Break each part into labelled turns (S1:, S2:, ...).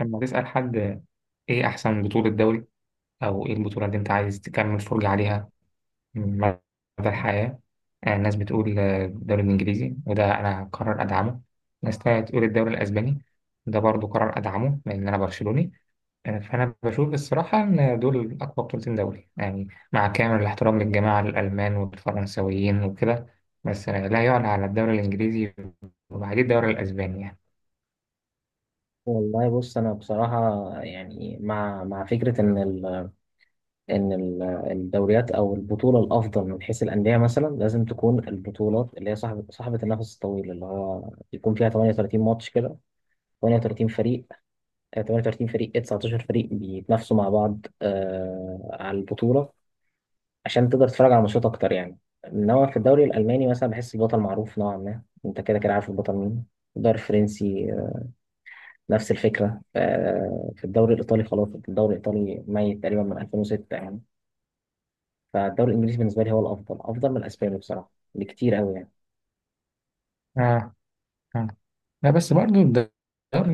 S1: لما تسأل حد إيه أحسن بطولة دوري، أو إيه البطولة اللي أنت عايز تكمل فرجة عليها من مدى الحياة؟ ناس بتقول الدوري الإنجليزي، وده أنا قرار أدعمه. ناس تانية تقول الدوري الأسباني، ده برضه قرار أدعمه لأن أنا برشلوني. فأنا بشوف الصراحة إن دول أقوى بطولتين دوري، يعني مع كامل الاحترام للجماعة الألمان والفرنسويين وكده. بس لا يعلى على الدوري الإنجليزي. وبعدين الدوري الأسباني يعني
S2: والله بص، انا بصراحه يعني مع فكره ان الدوريات او البطوله الافضل من حيث الانديه مثلا لازم تكون البطولات اللي هي صاحبه النفس الطويل، اللي هو يكون فيها 38 ماتش كده، 38 فريق، 38 فريق، 19 فريق بيتنافسوا مع بعض على البطوله، عشان تقدر تتفرج على ماتشات اكتر يعني. انما في الدوري الالماني مثلا بحس البطل معروف نوعا ما، انت كده كده عارف البطل مين. الدوري الفرنسي نفس الفكرة. في الدوري الإيطالي خلاص، الدوري الإيطالي ميت تقريبا من 2006 يعني. فالدوري الإنجليزي بالنسبة لي هو الأفضل، أفضل من الأسباني بصراحة بكتير قوي يعني.
S1: آه، آه. لا، بس برضو الدوري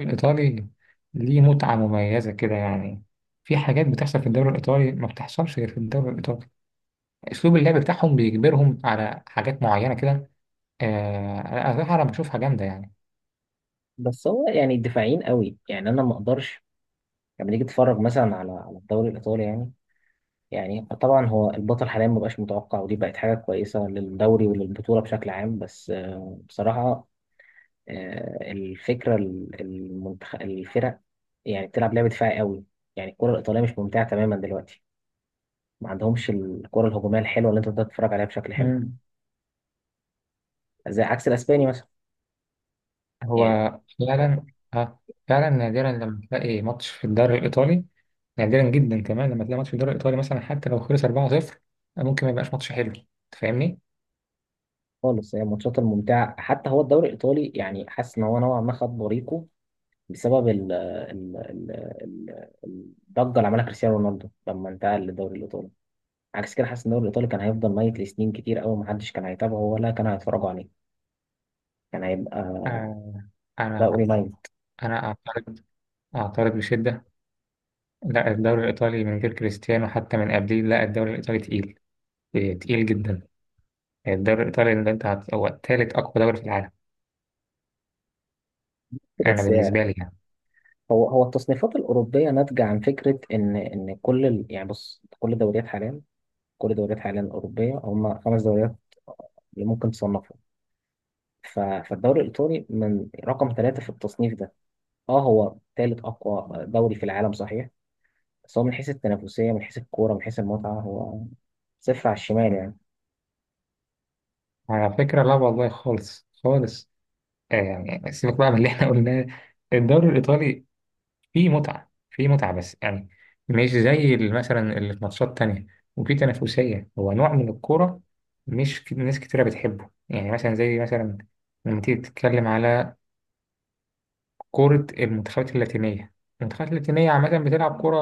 S1: الإيطالي ليه متعة مميزة كده، يعني في حاجات بتحصل في الدوري الإيطالي ما بتحصلش غير في الدوري الإيطالي. أسلوب اللعب بتاعهم بيجبرهم على حاجات معينة كده. أنا صراحة، أنا بشوفها جامدة يعني.
S2: بس هو يعني دفاعيين قوي يعني، أنا ما أقدرش لما تيجي تتفرج مثلا على الدوري الإيطالي يعني. يعني طبعا هو البطل حاليا ما بقاش متوقع، ودي بقت حاجة كويسة للدوري وللبطولة بشكل عام. بس بصراحة، الفكرة الفرق يعني بتلعب لعبة دفاعي قوي. يعني الكرة الإيطالية مش ممتعة تماما دلوقتي، ما عندهمش الكرة الهجومية الحلوة اللي انت تقدر تتفرج عليها بشكل حلو،
S1: مم.
S2: زي عكس الاسباني مثلا
S1: هو
S2: يعني.
S1: فعلا، آه فعلا نادرا لما تلاقي ماتش في الدوري الإيطالي. نادرا جدا كمان لما تلاقي ماتش في الدوري الإيطالي مثلا، حتى لو خلص 4-0 ممكن ما يبقاش ماتش حلو. تفهمني؟
S2: خالص، هي الماتشات الممتعة حتى هو الدوري الايطالي يعني، حاسس ان هو نوعا ما خد بريقه بسبب ال الضجة اللي عملها كريستيانو رونالدو لما انتقل للدوري الايطالي. عكس كده حاسس ان الدوري الايطالي كان هيفضل ميت لسنين كتير قوي، محدش كان هيتابعه ولا كان هيتفرجوا عليه، كان هيبقى
S1: آه أنا
S2: دوري ميت.
S1: أنا أعترض، أعترض بشدة. لا، الدوري الإيطالي من غير كريستيانو حتى من قبليه، لا الدوري الإيطالي تقيل. إيه، تقيل جدا. الدوري الإيطالي اللي أنت هو تالت أقوى دوري في العالم. أنا
S2: بس
S1: بالنسبة لي يعني.
S2: هو التصنيفات الاوروبيه ناتجه عن فكره ان يعني بص، كل الدوريات حاليا، الأوروبية هم خمس دوريات اللي ممكن تصنفهم. فالدوري الإيطالي من رقم ثلاثة في التصنيف ده. اه هو ثالث أقوى دوري في العالم صحيح، بس هو من حيث التنافسية من حيث الكورة من حيث المتعة هو صفر على الشمال يعني.
S1: على فكرة لا والله، خالص خالص. يعني سيبك بقى من اللي إحنا قلناه. الدوري الإيطالي فيه متعة، فيه متعة، بس يعني مش زي مثلا اللي في ماتشات تانية. وفيه تنافسية، هو نوع من الكورة مش ناس كتيرة بتحبه، يعني مثلا زي مثلا لما تيجي تتكلم على كرة المنتخبات اللاتينية. المنتخبات اللاتينية عامة بتلعب كرة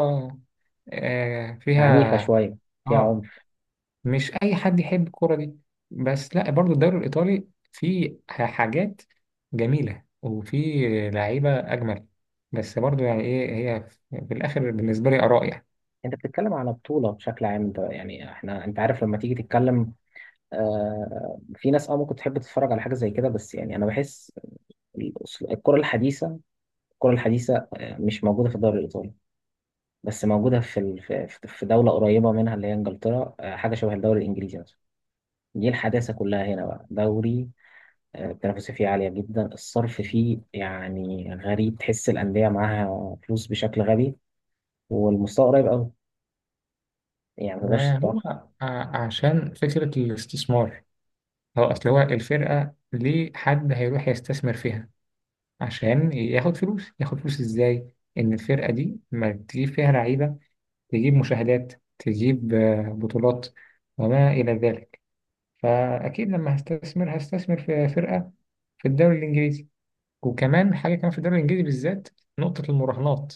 S2: عنيفة
S1: فيها،
S2: شوية. فيها
S1: اه،
S2: عنف.
S1: مش أي حد يحب الكرة دي. بس لا، برضو الدوري الإيطالي فيه حاجات جميلة وفيه لعيبة أجمل. بس برضو يعني إيه هي، في الآخر بالنسبة لي آراء يعني.
S2: انت بتتكلم على بطولة بشكل عام ده، يعني احنا انت عارف لما تيجي تتكلم، في ناس ممكن تحب تتفرج على حاجة زي كده، بس يعني انا بحس الأسل- الكرة الحديثة الكرة الحديثة، مش موجودة في الدوري الإيطالي. بس موجودة في في دولة قريبة منها اللي هي إنجلترا، حاجة شبه الدوري الإنجليزي مثلا، دي الحداثة كلها هنا بقى دوري. التنافسية فيه عالية جدا، الصرف فيه يعني غريب، تحس الأندية معاها فلوس بشكل غبي، والمستوى قريب أوي، يعني متقدرش
S1: ما هو
S2: تتوقع.
S1: عشان فكرة الاستثمار، هو أصل هو الفرقة ليه حد هيروح يستثمر فيها؟ عشان ياخد فلوس. ياخد فلوس ازاي؟ ان الفرقه دي ما تجيب فيها لعيبه، تجيب مشاهدات، تجيب بطولات، وما الى ذلك. فاكيد لما هستثمر هستثمر في فرقه في الدوري الانجليزي. وكمان حاجه كمان في الدوري الانجليزي بالذات، نقطه المراهنات.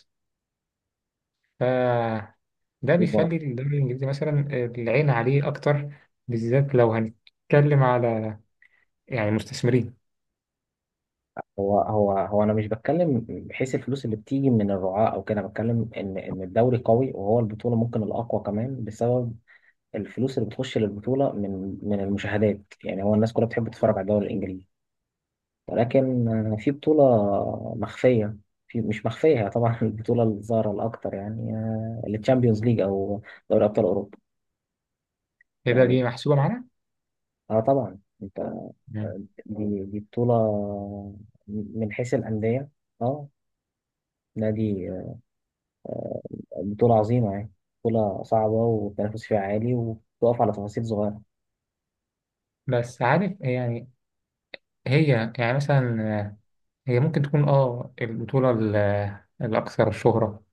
S1: فده
S2: إيه المرا-
S1: بيخلي الدوري الانجليزي مثلا العين عليه اكتر، بالذات لو هنتكلم على يعني مستثمرين
S2: هو هو أنا مش بتكلم بحيث الفلوس اللي بتيجي من الرعاة أو كده، أنا بتكلم إن الدوري قوي، وهو البطولة ممكن الأقوى كمان بسبب الفلوس اللي بتخش للبطولة من المشاهدات يعني، هو الناس كلها بتحب تتفرج على الدوري الإنجليزي. ولكن في بطولة مخفية، في مش مخفية، هي طبعا البطولة الظاهرة الأكتر يعني، التشامبيونز ليج أو دوري أبطال أوروبا
S1: كده. دي
S2: يعني.
S1: محسوبه معانا.
S2: اه طبعا انت،
S1: مم.
S2: دي بطولة من حيث الأندية، اه نادي، بطولة عظيمة يعني، بطولة صعبة والتنافس فيها عالي وبتقف على تفاصيل صغيرة.
S1: بس عارف يعني، هي يعني مثلا هي ممكن تكون البطولة الأكثر شهرة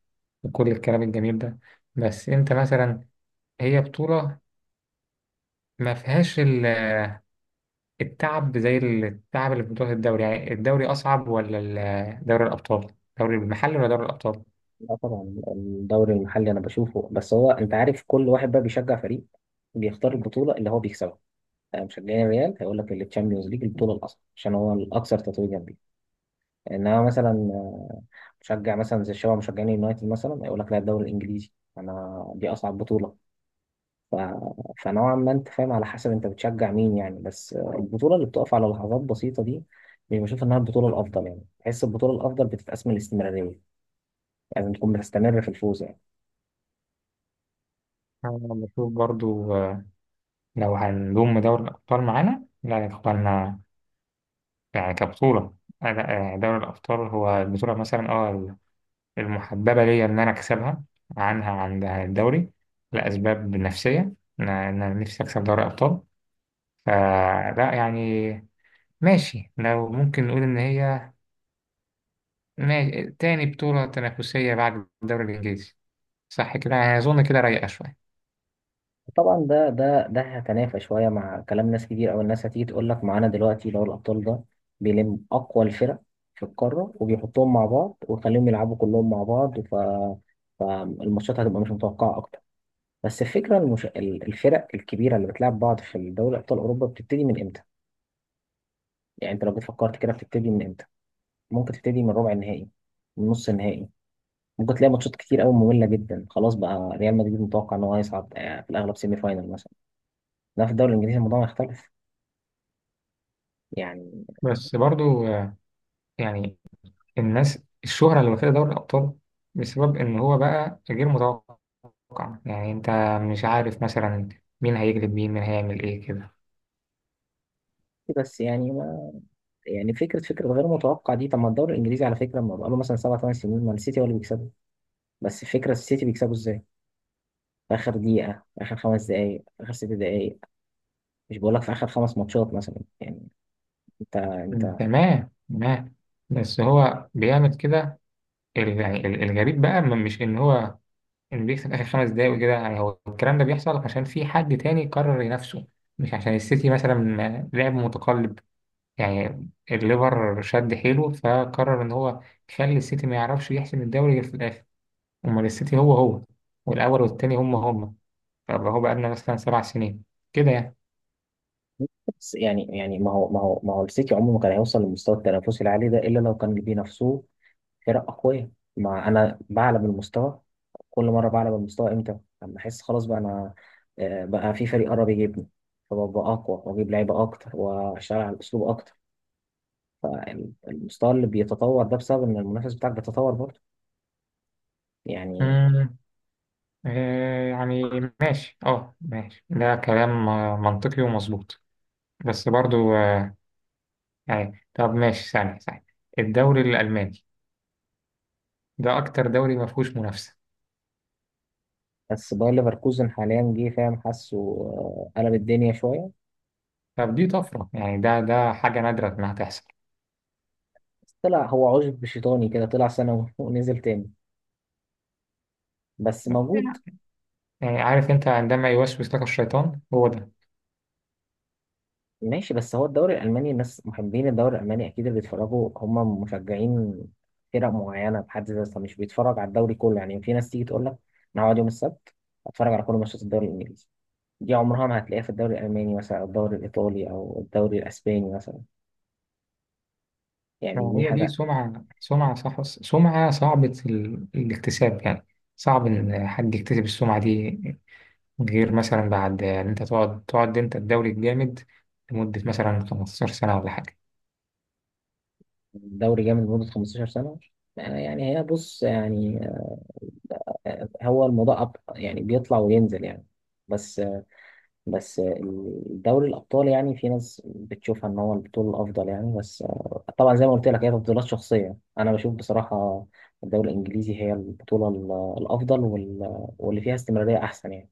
S1: وكل الكلام الجميل ده. بس أنت مثلا، هي بطولة ما فيهاش التعب زي التعب اللي في بطولة الدوري، يعني الدوري أصعب ولا دوري الأبطال؟ دوري المحلي ولا دوري الأبطال؟
S2: لا طبعا الدوري المحلي أنا بشوفه، بس هو أنت عارف، كل واحد بقى بيشجع فريق بيختار البطولة اللي هو بيكسبها. مشجعين الريال هيقول لك التشامبيونز ليج البطوله الاصل عشان هو الاكثر تتويجا بيه. انما مثلا مشجع مثلا زي الشباب مشجعين اليونايتد مثلا هيقول لك لا، الدوري الانجليزي انا دي اصعب بطوله. ف... فنوعا ما انت فاهم على حسب انت بتشجع مين يعني، بس البطوله اللي بتقف على لحظات بسيطه دي مش بشوف انها البطوله الافضل يعني، بحس البطوله الافضل بتتقاس من الاستمراريه، لازم يعني تكون بتستمر في الفوز يعني.
S1: أنا بشوف برضو لو هنضم دوري الأبطال معانا، لا يا إخوانا. يعني كبطولة، لا، دوري الأبطال هو البطولة مثلا المحببة ليا إن أنا أكسبها عنها عن الدوري، لأسباب نفسية، إن أنا نفسي أكسب دوري أبطال. فلا يعني ماشي، لو ممكن نقول إن هي ماشي. تاني بطولة تنافسية بعد الدوري الإنجليزي، صح كده؟ يعني أظن كده رايقة شوية.
S2: طبعا ده هتنافى شويه مع كلام ناس كتير، او الناس هتيجي تقول لك معانا دلوقتي دوري الابطال ده بيلم اقوى الفرق في القاره وبيحطهم مع بعض ويخليهم يلعبوا كلهم مع بعض، فالماتشات هتبقى مش متوقعه اكتر. بس الفكره الفرق الكبيره اللي بتلعب بعض في دوري ابطال اوروبا بتبتدي من امتى؟ يعني انت لو جيت فكرت كده بتبتدي من امتى؟ ممكن تبتدي من ربع النهائي، من نص النهائي، ممكن تلاقي ماتشات كتير قوي ممله جدا، خلاص بقى ريال مدريد متوقع ان هو هيصعد في الاغلب سيمي فاينل مثلا. لا في الدوري الانجليزي الموضوع مختلف يعني.
S1: بس برضو يعني الناس الشهرة اللي واخدة دوري الأبطال بسبب إن هو بقى غير متوقع، يعني أنت مش عارف مثلا مين هيجلب، مين هيعمل إيه كده.
S2: بس يعني ما يعني فكره غير متوقع دي، طب ما الدوري الانجليزي على فكره، ما بقاله مثلا سبع ثمان سنين ما السيتي هو اللي بيكسبه. بس فكره السيتي بيكسبه ازاي؟ في اخر دقيقه، في اخر خمس دقائق، في اخر ست دقائق، مش بقول لك في اخر خمس ماتشات مثلا يعني. انت
S1: مم،
S2: انت
S1: تمام تمام. بس هو بيعمل كده يعني الغريب بقى مش ان هو ان بيكسب اخر 5 دقايق وكده، يعني هو الكلام ده بيحصل عشان في حد تاني قرر ينافسه، مش عشان السيتي مثلا لعب متقلب. يعني الليفر شد حيله فقرر ان هو يخلي السيتي ما يعرفش يحسم الدوري غير في الاخر. امال السيتي هو هو، والاول والتاني هم هم. فهو بقى لنا مثلا 7 سنين كده يعني.
S2: بس يعني ما هو السيتي عمره ما كان هيوصل للمستوى التنافسي العالي ده الا لو كان بينافسوه فرق أقوياء. مع أنا بعلى من المستوى، كل مرة بعلى من المستوى إمتى؟ لما أحس خلاص بقى أنا بقى في فريق قرب يجيبني، فببقى أقوى وأجيب لعيبة أكتر وأشتغل على الأسلوب أكتر، فالمستوى اللي بيتطور ده بسبب إن المنافس بتاعك بيتطور برضه يعني.
S1: مم. يعني ماشي، ماشي، ده كلام منطقي ومظبوط. بس برضو يعني، طب ماشي، ثانية ثانية، الدوري الألماني ده أكتر دوري ما فيهوش منافسة.
S2: بس باير ليفركوزن حاليا جه فاهم حاسه قلب الدنيا شوية.
S1: طب دي طفرة، يعني ده حاجة نادرة إنها تحصل.
S2: بس طلع هو عشب شيطاني كده، طلع سنة ونزل تاني، بس موجود.
S1: يعني عارف أنت عندما يوسوس لك الشيطان، هو ده.
S2: ماشي، بس هو الدوري الألماني، الناس محبين الدوري الألماني، أكيد اللي بيتفرجوا هم مشجعين فرق معينة بحد ذاتها مش بيتفرج على الدوري كله يعني. في ناس تيجي تقول لك أنا هقعد يوم السبت أتفرج على كل ماتشات الدوري الإنجليزي، دي عمرها ما هتلاقيها في الدوري الألماني مثلا، أو الدوري الإيطالي، أو الدوري الأسباني مثلا يعني، دي
S1: يعني هي دي
S2: حاجة.
S1: سمعة، سمعة، صح، سمعة صعبة الاكتساب، يعني صعب إن حد يكتسب السمعة دي غير مثلا بعد، يعني انت تقعد انت الدوري الجامد لمدة مثلا 15 سنة ولا حاجة
S2: دوري جامد لمدة 15 سنة، يعني هي بص يعني، هو الموضوع أب يعني، بيطلع وينزل يعني. بس بس دوري الأبطال يعني في ناس بتشوفها إن هو البطولة الأفضل يعني، بس طبعا زي ما قلت لك هي تفضيلات شخصية، أنا بشوف بصراحة الدوري الإنجليزي هي البطولة الأفضل واللي فيها استمرارية أحسن يعني.